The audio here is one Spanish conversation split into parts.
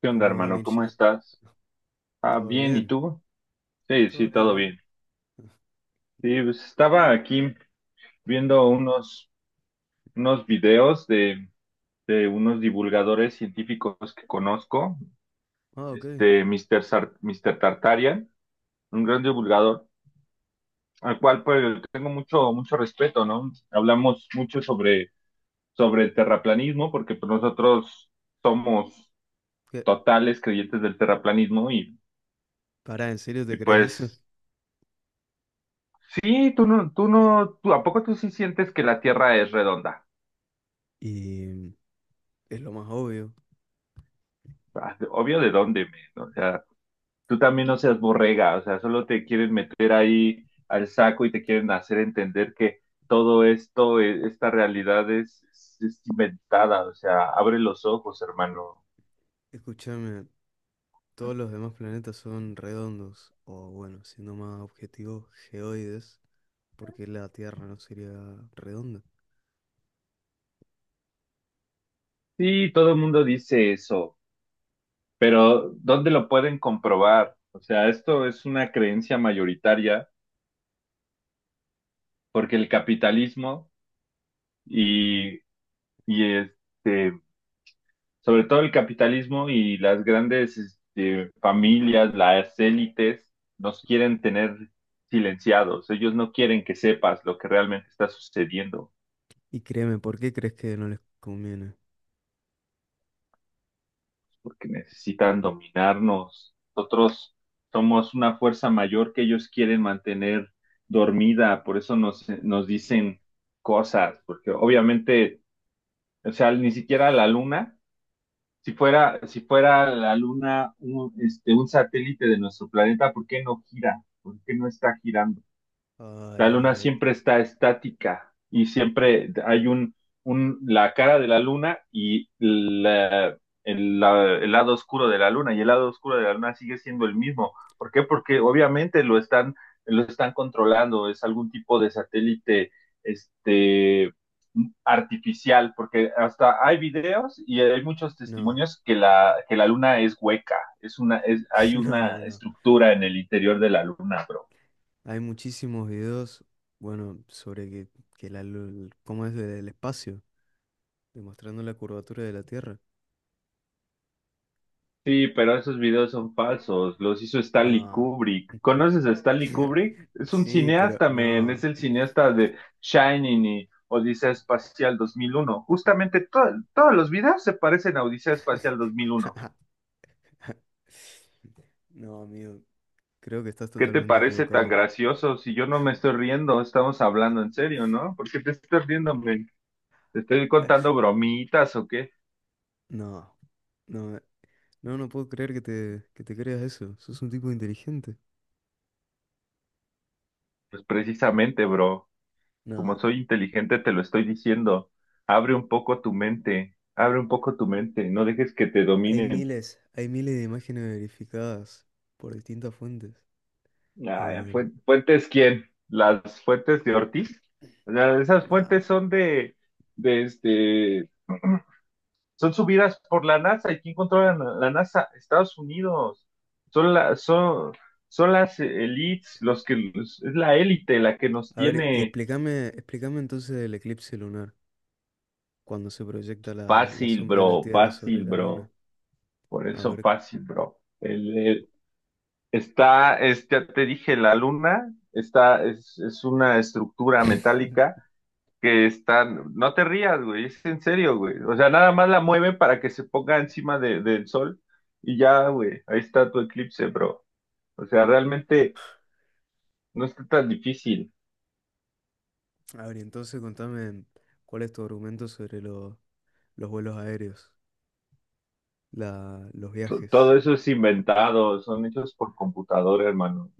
¿Qué onda, ¿Cómo va, hermano? ¿Cómo Mircha? estás? Ah, ¿Todo bien, ¿y bien? tú? Sí, ¿Todo sí, bien, todo vos? bien. Sí, pues estaba aquí viendo unos videos de unos divulgadores científicos que conozco, Ah, ok. este Mr. Mr. Tartarian, un gran divulgador, al cual pues tengo mucho respeto, ¿no? Hablamos mucho sobre el terraplanismo, porque pues, nosotros somos ¿Qué? totales creyentes del terraplanismo y, Pará, ¿en serio y te crees eso? pues Sí, tú no, tú no, tú, ¿a poco tú sí sientes que la Tierra es redonda? Y mm, es lo más obvio. Ah, obvio de dónde, men, o sea, tú también no seas borrega, o sea, solo te quieren meter ahí al saco y te quieren hacer entender que todo esto, esta realidad es, es inventada, o sea, abre los ojos, hermano. Escúchame, todos los demás planetas son redondos, o bueno, siendo más objetivo, geoides, porque la Tierra no sería redonda. Sí, todo el mundo dice eso, pero ¿dónde lo pueden comprobar? O sea, esto es una creencia mayoritaria porque el capitalismo y, y sobre todo el capitalismo y las grandes este, familias, las élites, nos quieren tener silenciados. Ellos no quieren que sepas lo que realmente está sucediendo, Y créeme, ¿por qué crees que no les conviene? porque necesitan dominarnos. Nosotros somos una fuerza mayor que ellos quieren mantener dormida, por eso nos dicen cosas, porque obviamente, o sea, ni siquiera la luna. Si fuera la Luna un satélite de nuestro planeta, ¿por qué no gira? ¿Por qué no está girando? Ay, La ay, luna ay. siempre está estática y siempre hay la cara de la luna y el lado oscuro de la luna, y el lado oscuro de la luna sigue siendo el mismo. ¿Por qué? Porque obviamente lo están controlando, es algún tipo de satélite, este, artificial, porque hasta hay videos y hay muchos No, testimonios que que la luna es hueca, hay una no, no. estructura en el interior de la luna, bro. Hay muchísimos videos, bueno, sobre que la, lul- cómo es del espacio, demostrando la curvatura de la Tierra. Sí, pero esos videos son falsos, los hizo Stanley No. Kubrick. ¿Conoces a Stanley Kubrick? Es un Sí, pero cineasta, men, es no. el cineasta de Shining y Odisea Espacial 2001. Todos los videos se parecen a Odisea Espacial 2001. No, amigo, creo que estás ¿Qué te totalmente parece tan equivocado. gracioso? Si yo no me estoy riendo, estamos hablando en serio, ¿no? ¿Por qué te estás riendo, men? ¿Te estoy contando bromitas o qué? No, no, no, no puedo creer que te creas eso. Sos un tipo inteligente. Pues precisamente, bro. Como No, soy inteligente, te lo estoy diciendo. Abre un poco tu mente, abre un poco tu mente, no dejes que te dominen. Hay miles de imágenes verificadas por distintas fuentes. Ah, Eh, ¿fuentes quién? ¿Las fuentes de Ortiz? O sea, esas no. fuentes son de son subidas por la NASA. ¿Y quién controla la NASA? Estados Unidos. Son la, son, son las elites, es la élite la que nos A ver, tiene. Explícame entonces el eclipse lunar, cuando se proyecta la fácil, sombra de la bro, Tierra sobre fácil, la Luna. bro. Por A eso ver. fácil, bro. Ya te dije, la luna está, es una estructura metálica que está, no te rías, güey, es en serio, güey. O sea, nada más la mueven para que se ponga encima del sol y ya, güey, ahí está tu eclipse, bro. O sea, realmente no está tan difícil. A ver, y entonces contame cuál es tu argumento sobre los vuelos aéreos, los Todo viajes. eso es inventado, son hechos por computadora, hermano.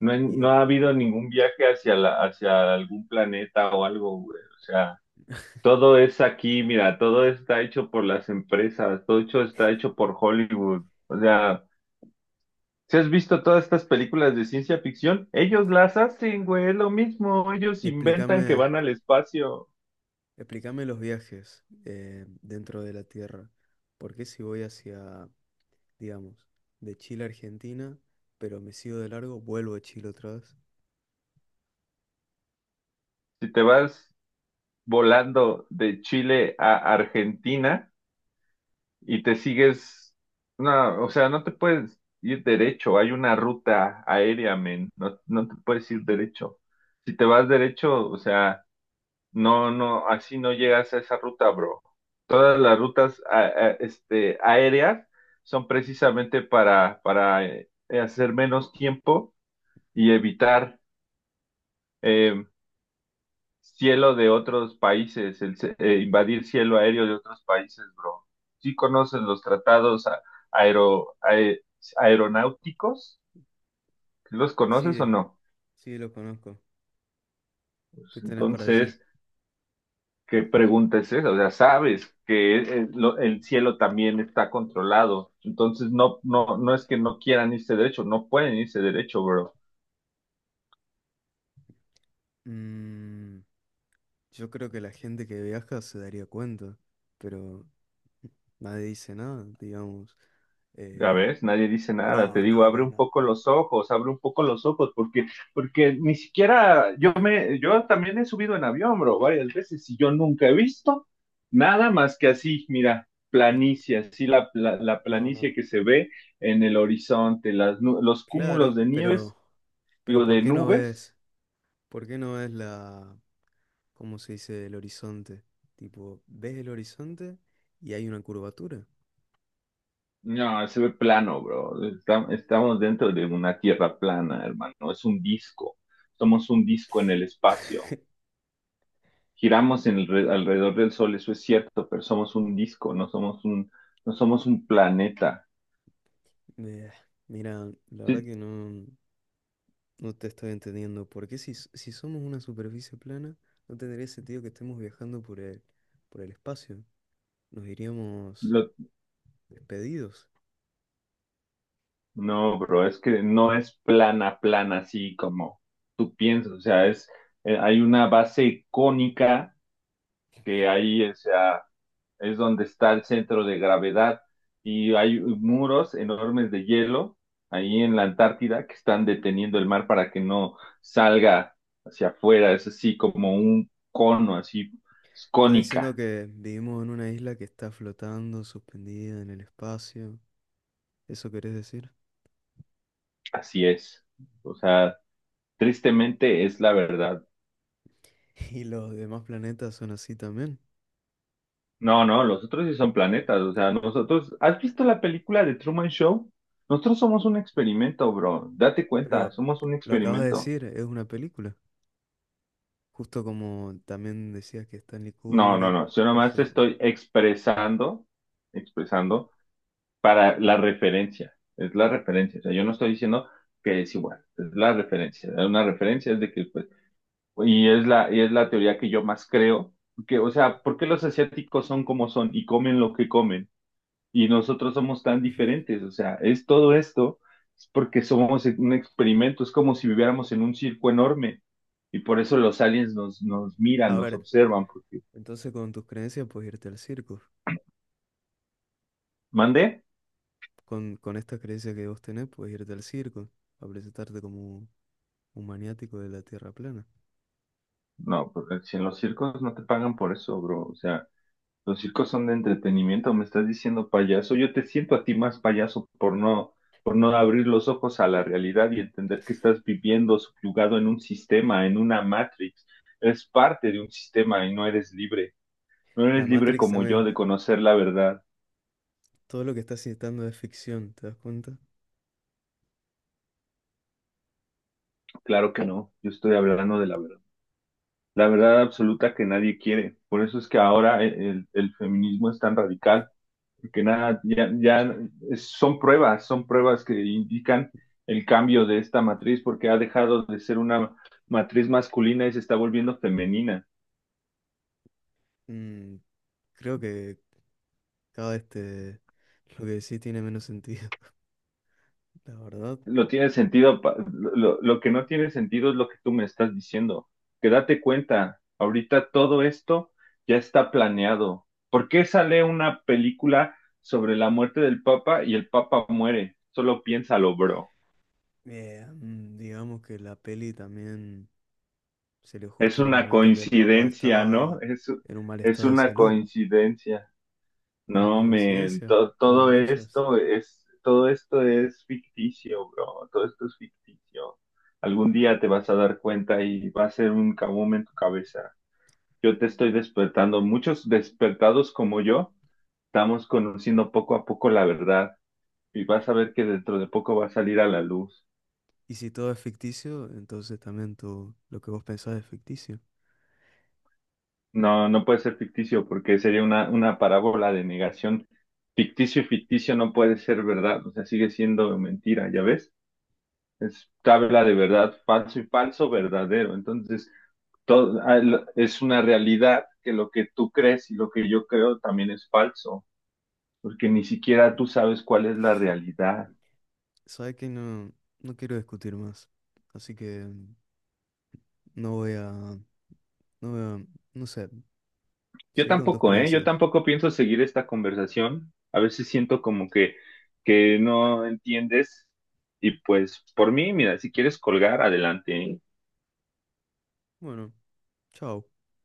No, Y, no e- ha habido ningún viaje hacia hacia algún planeta o algo, güey. O sea. Todo es aquí, mira, todo está hecho por las empresas, todo hecho, está hecho por Hollywood. O sea, si has visto todas estas películas de ciencia ficción, ellos las hacen, güey, es lo mismo, ellos y inventan que explícame, van al espacio. explícame los viajes dentro de la Tierra. ¿Por qué si voy hacia, digamos, de Chile a Argentina, pero me sigo de largo, vuelvo a Chile otra vez? Si te vas volando de Chile a Argentina y te sigues, no, o sea, no te puedes ir derecho, hay una ruta aérea, men, no te puedes ir derecho. Si te vas derecho, o sea... no, así no llegas a esa ruta, bro. Todas las rutas aéreas son precisamente para hacer menos tiempo y evitar eh, cielo de otros países, invadir cielo aéreo de otros países, bro. ¿Sí conoces los tratados aero- ae- aeronáuticos? ¿Los conoces o Sí, no? sí, lo conozco. ¿Qué tenés para decir? Entonces, ¿qué pregunta es esa? O sea, sabes que el cielo también está controlado. Entonces, no es que no quieran irse derecho, no pueden irse derecho, bro. Mm, yo creo que la gente que viaja se daría cuenta, pero nadie dice nada, digamos. Ya Eh, ves, nadie dice nada. Te no, digo, no, abre no, un no. poco los ojos, abre un poco los ojos, porque, porque ni siquiera yo también he subido en avión, bro, varias veces y yo nunca he visto nada más que así, mira, Us- planicie, así la No, no. planicie que se Mm. ve en el horizonte, los cúmulos Claro, de nieves, pero digo, ¿por de qué no nubes. ves? ¿Por qué no ves la, ¿cómo se dice? El horizonte. Tipo, ves el horizonte y hay una curvatura. No, se ve plano, bro. Estamos dentro de una tierra plana, hermano. Es un disco. Somos un disco en el espacio. Giramos en alrededor del Sol, eso es cierto, pero somos un disco, no somos un planeta. Eh, Mira, la verdad Sí, que no, no te estoy entendiendo. ¿Por qué si, s- ¿Si somos una superficie plana, no tendría sentido que estemos viajando por el espacio? Nos iríamos lo- despedidos. no, bro, es que no es plana, plana, así como tú piensas. O sea, es, hay una base cónica que ahí, o sea, es donde está el centro de gravedad y hay muros enormes de hielo ahí en la Antártida que están deteniendo el mar para que no salga hacia afuera, es así como un cono, así es Está diciendo cónica, que vivimos en una isla que está flotando, suspendida en el espacio. ¿Eso querés decir? así es. O sea, tristemente es la verdad. Y los demás planetas son así también. No, no, los otros sí son planetas, o sea, nosotros, ¿has visto la película de Truman Show? Nosotros somos un experimento, bro, date cuenta, Pero somos un lo acabas de experimento. decir, es una película. Justo como también decías que Stanley No, no, Kubrick no. Yo nomás hizo... estoy expresando para la referencia. Es la referencia. O sea, yo no estoy diciendo que es igual. Es la referencia. Una referencia es de que, pues, y es la teoría que yo más creo. Que, o sea, ¿por qué los asiáticos son como son y comen lo que comen? Y nosotros somos tan diferentes. O sea, es todo esto, es porque somos un experimento. Es como si viviéramos en un circo enorme. Y por eso los aliens nos miran, A nos ver, observan, porque. entonces con tus creencias puedes irte al circo. ¿Mandé? Con estas creencias que vos tenés puedes irte al circo a presentarte como un maniático de la Tierra plana. No, porque si en los circos no te pagan por eso, bro. O sea, los circos son de entretenimiento, me estás diciendo payaso. Yo te siento a ti más payaso por no abrir los ojos a la realidad y entender que estás viviendo subyugado en un sistema, en una matrix. Eres parte de un sistema y no eres libre. No La eres libre Matrix como yo también. de conocer la verdad. Todo lo que estás citando es ficción, ¿te das cuenta? Claro que no, yo estoy hablando de la verdad. La verdad absoluta que nadie quiere. Por eso es que ahora el feminismo es tan radical porque nada, ya son pruebas que indican el cambio de esta matriz porque ha dejado de ser una matriz masculina y se está volviendo femenina. Mm, creo que cada este lo que decís tiene menos sentido, la verdad. Lo tiene sentido, lo que no tiene sentido es lo que tú me estás diciendo, que date cuenta, ahorita todo esto ya está planeado. ¿Por qué sale una película sobre la muerte del Papa y el Papa muere? Solo piénsalo, bro. Digamos que la peli también salió Es justo en un una momento que el Papa coincidencia, ¿no? estaba en un mal Es estado de una salud. coincidencia. Es una No, men, coincidencia, como muchas. Todo esto es ficticio, bro. Todo esto es ficticio. Algún día te vas a dar cuenta y va a ser un kaboom en tu cabeza. Yo te estoy despertando. Muchos despertados como yo estamos conociendo poco a poco la verdad y vas a ver que dentro de poco va a salir a la luz. Y si todo es ficticio, entonces también tú, lo que vos pensás es ficticio. No, no puede ser ficticio porque sería una parábola de negación. Ficticio y ficticio no puede ser verdad, o sea, sigue siendo mentira, ¿ya ves? Es tabla de verdad, falso y falso, verdadero. Entonces, es una realidad que lo que tú crees y lo que yo creo también es falso, porque ni siquiera tú sabes cuál es la realidad. Sabes que no, no quiero discutir más. Así que mm, no voy a, no voy a, no sé, Yo seguí con tus tampoco, ¿eh? Yo creencias. tampoco pienso seguir esta conversación. A veces siento como que no entiendes y pues por mí, mira, si quieres colgar, adelante, ¿eh? Bueno, chao.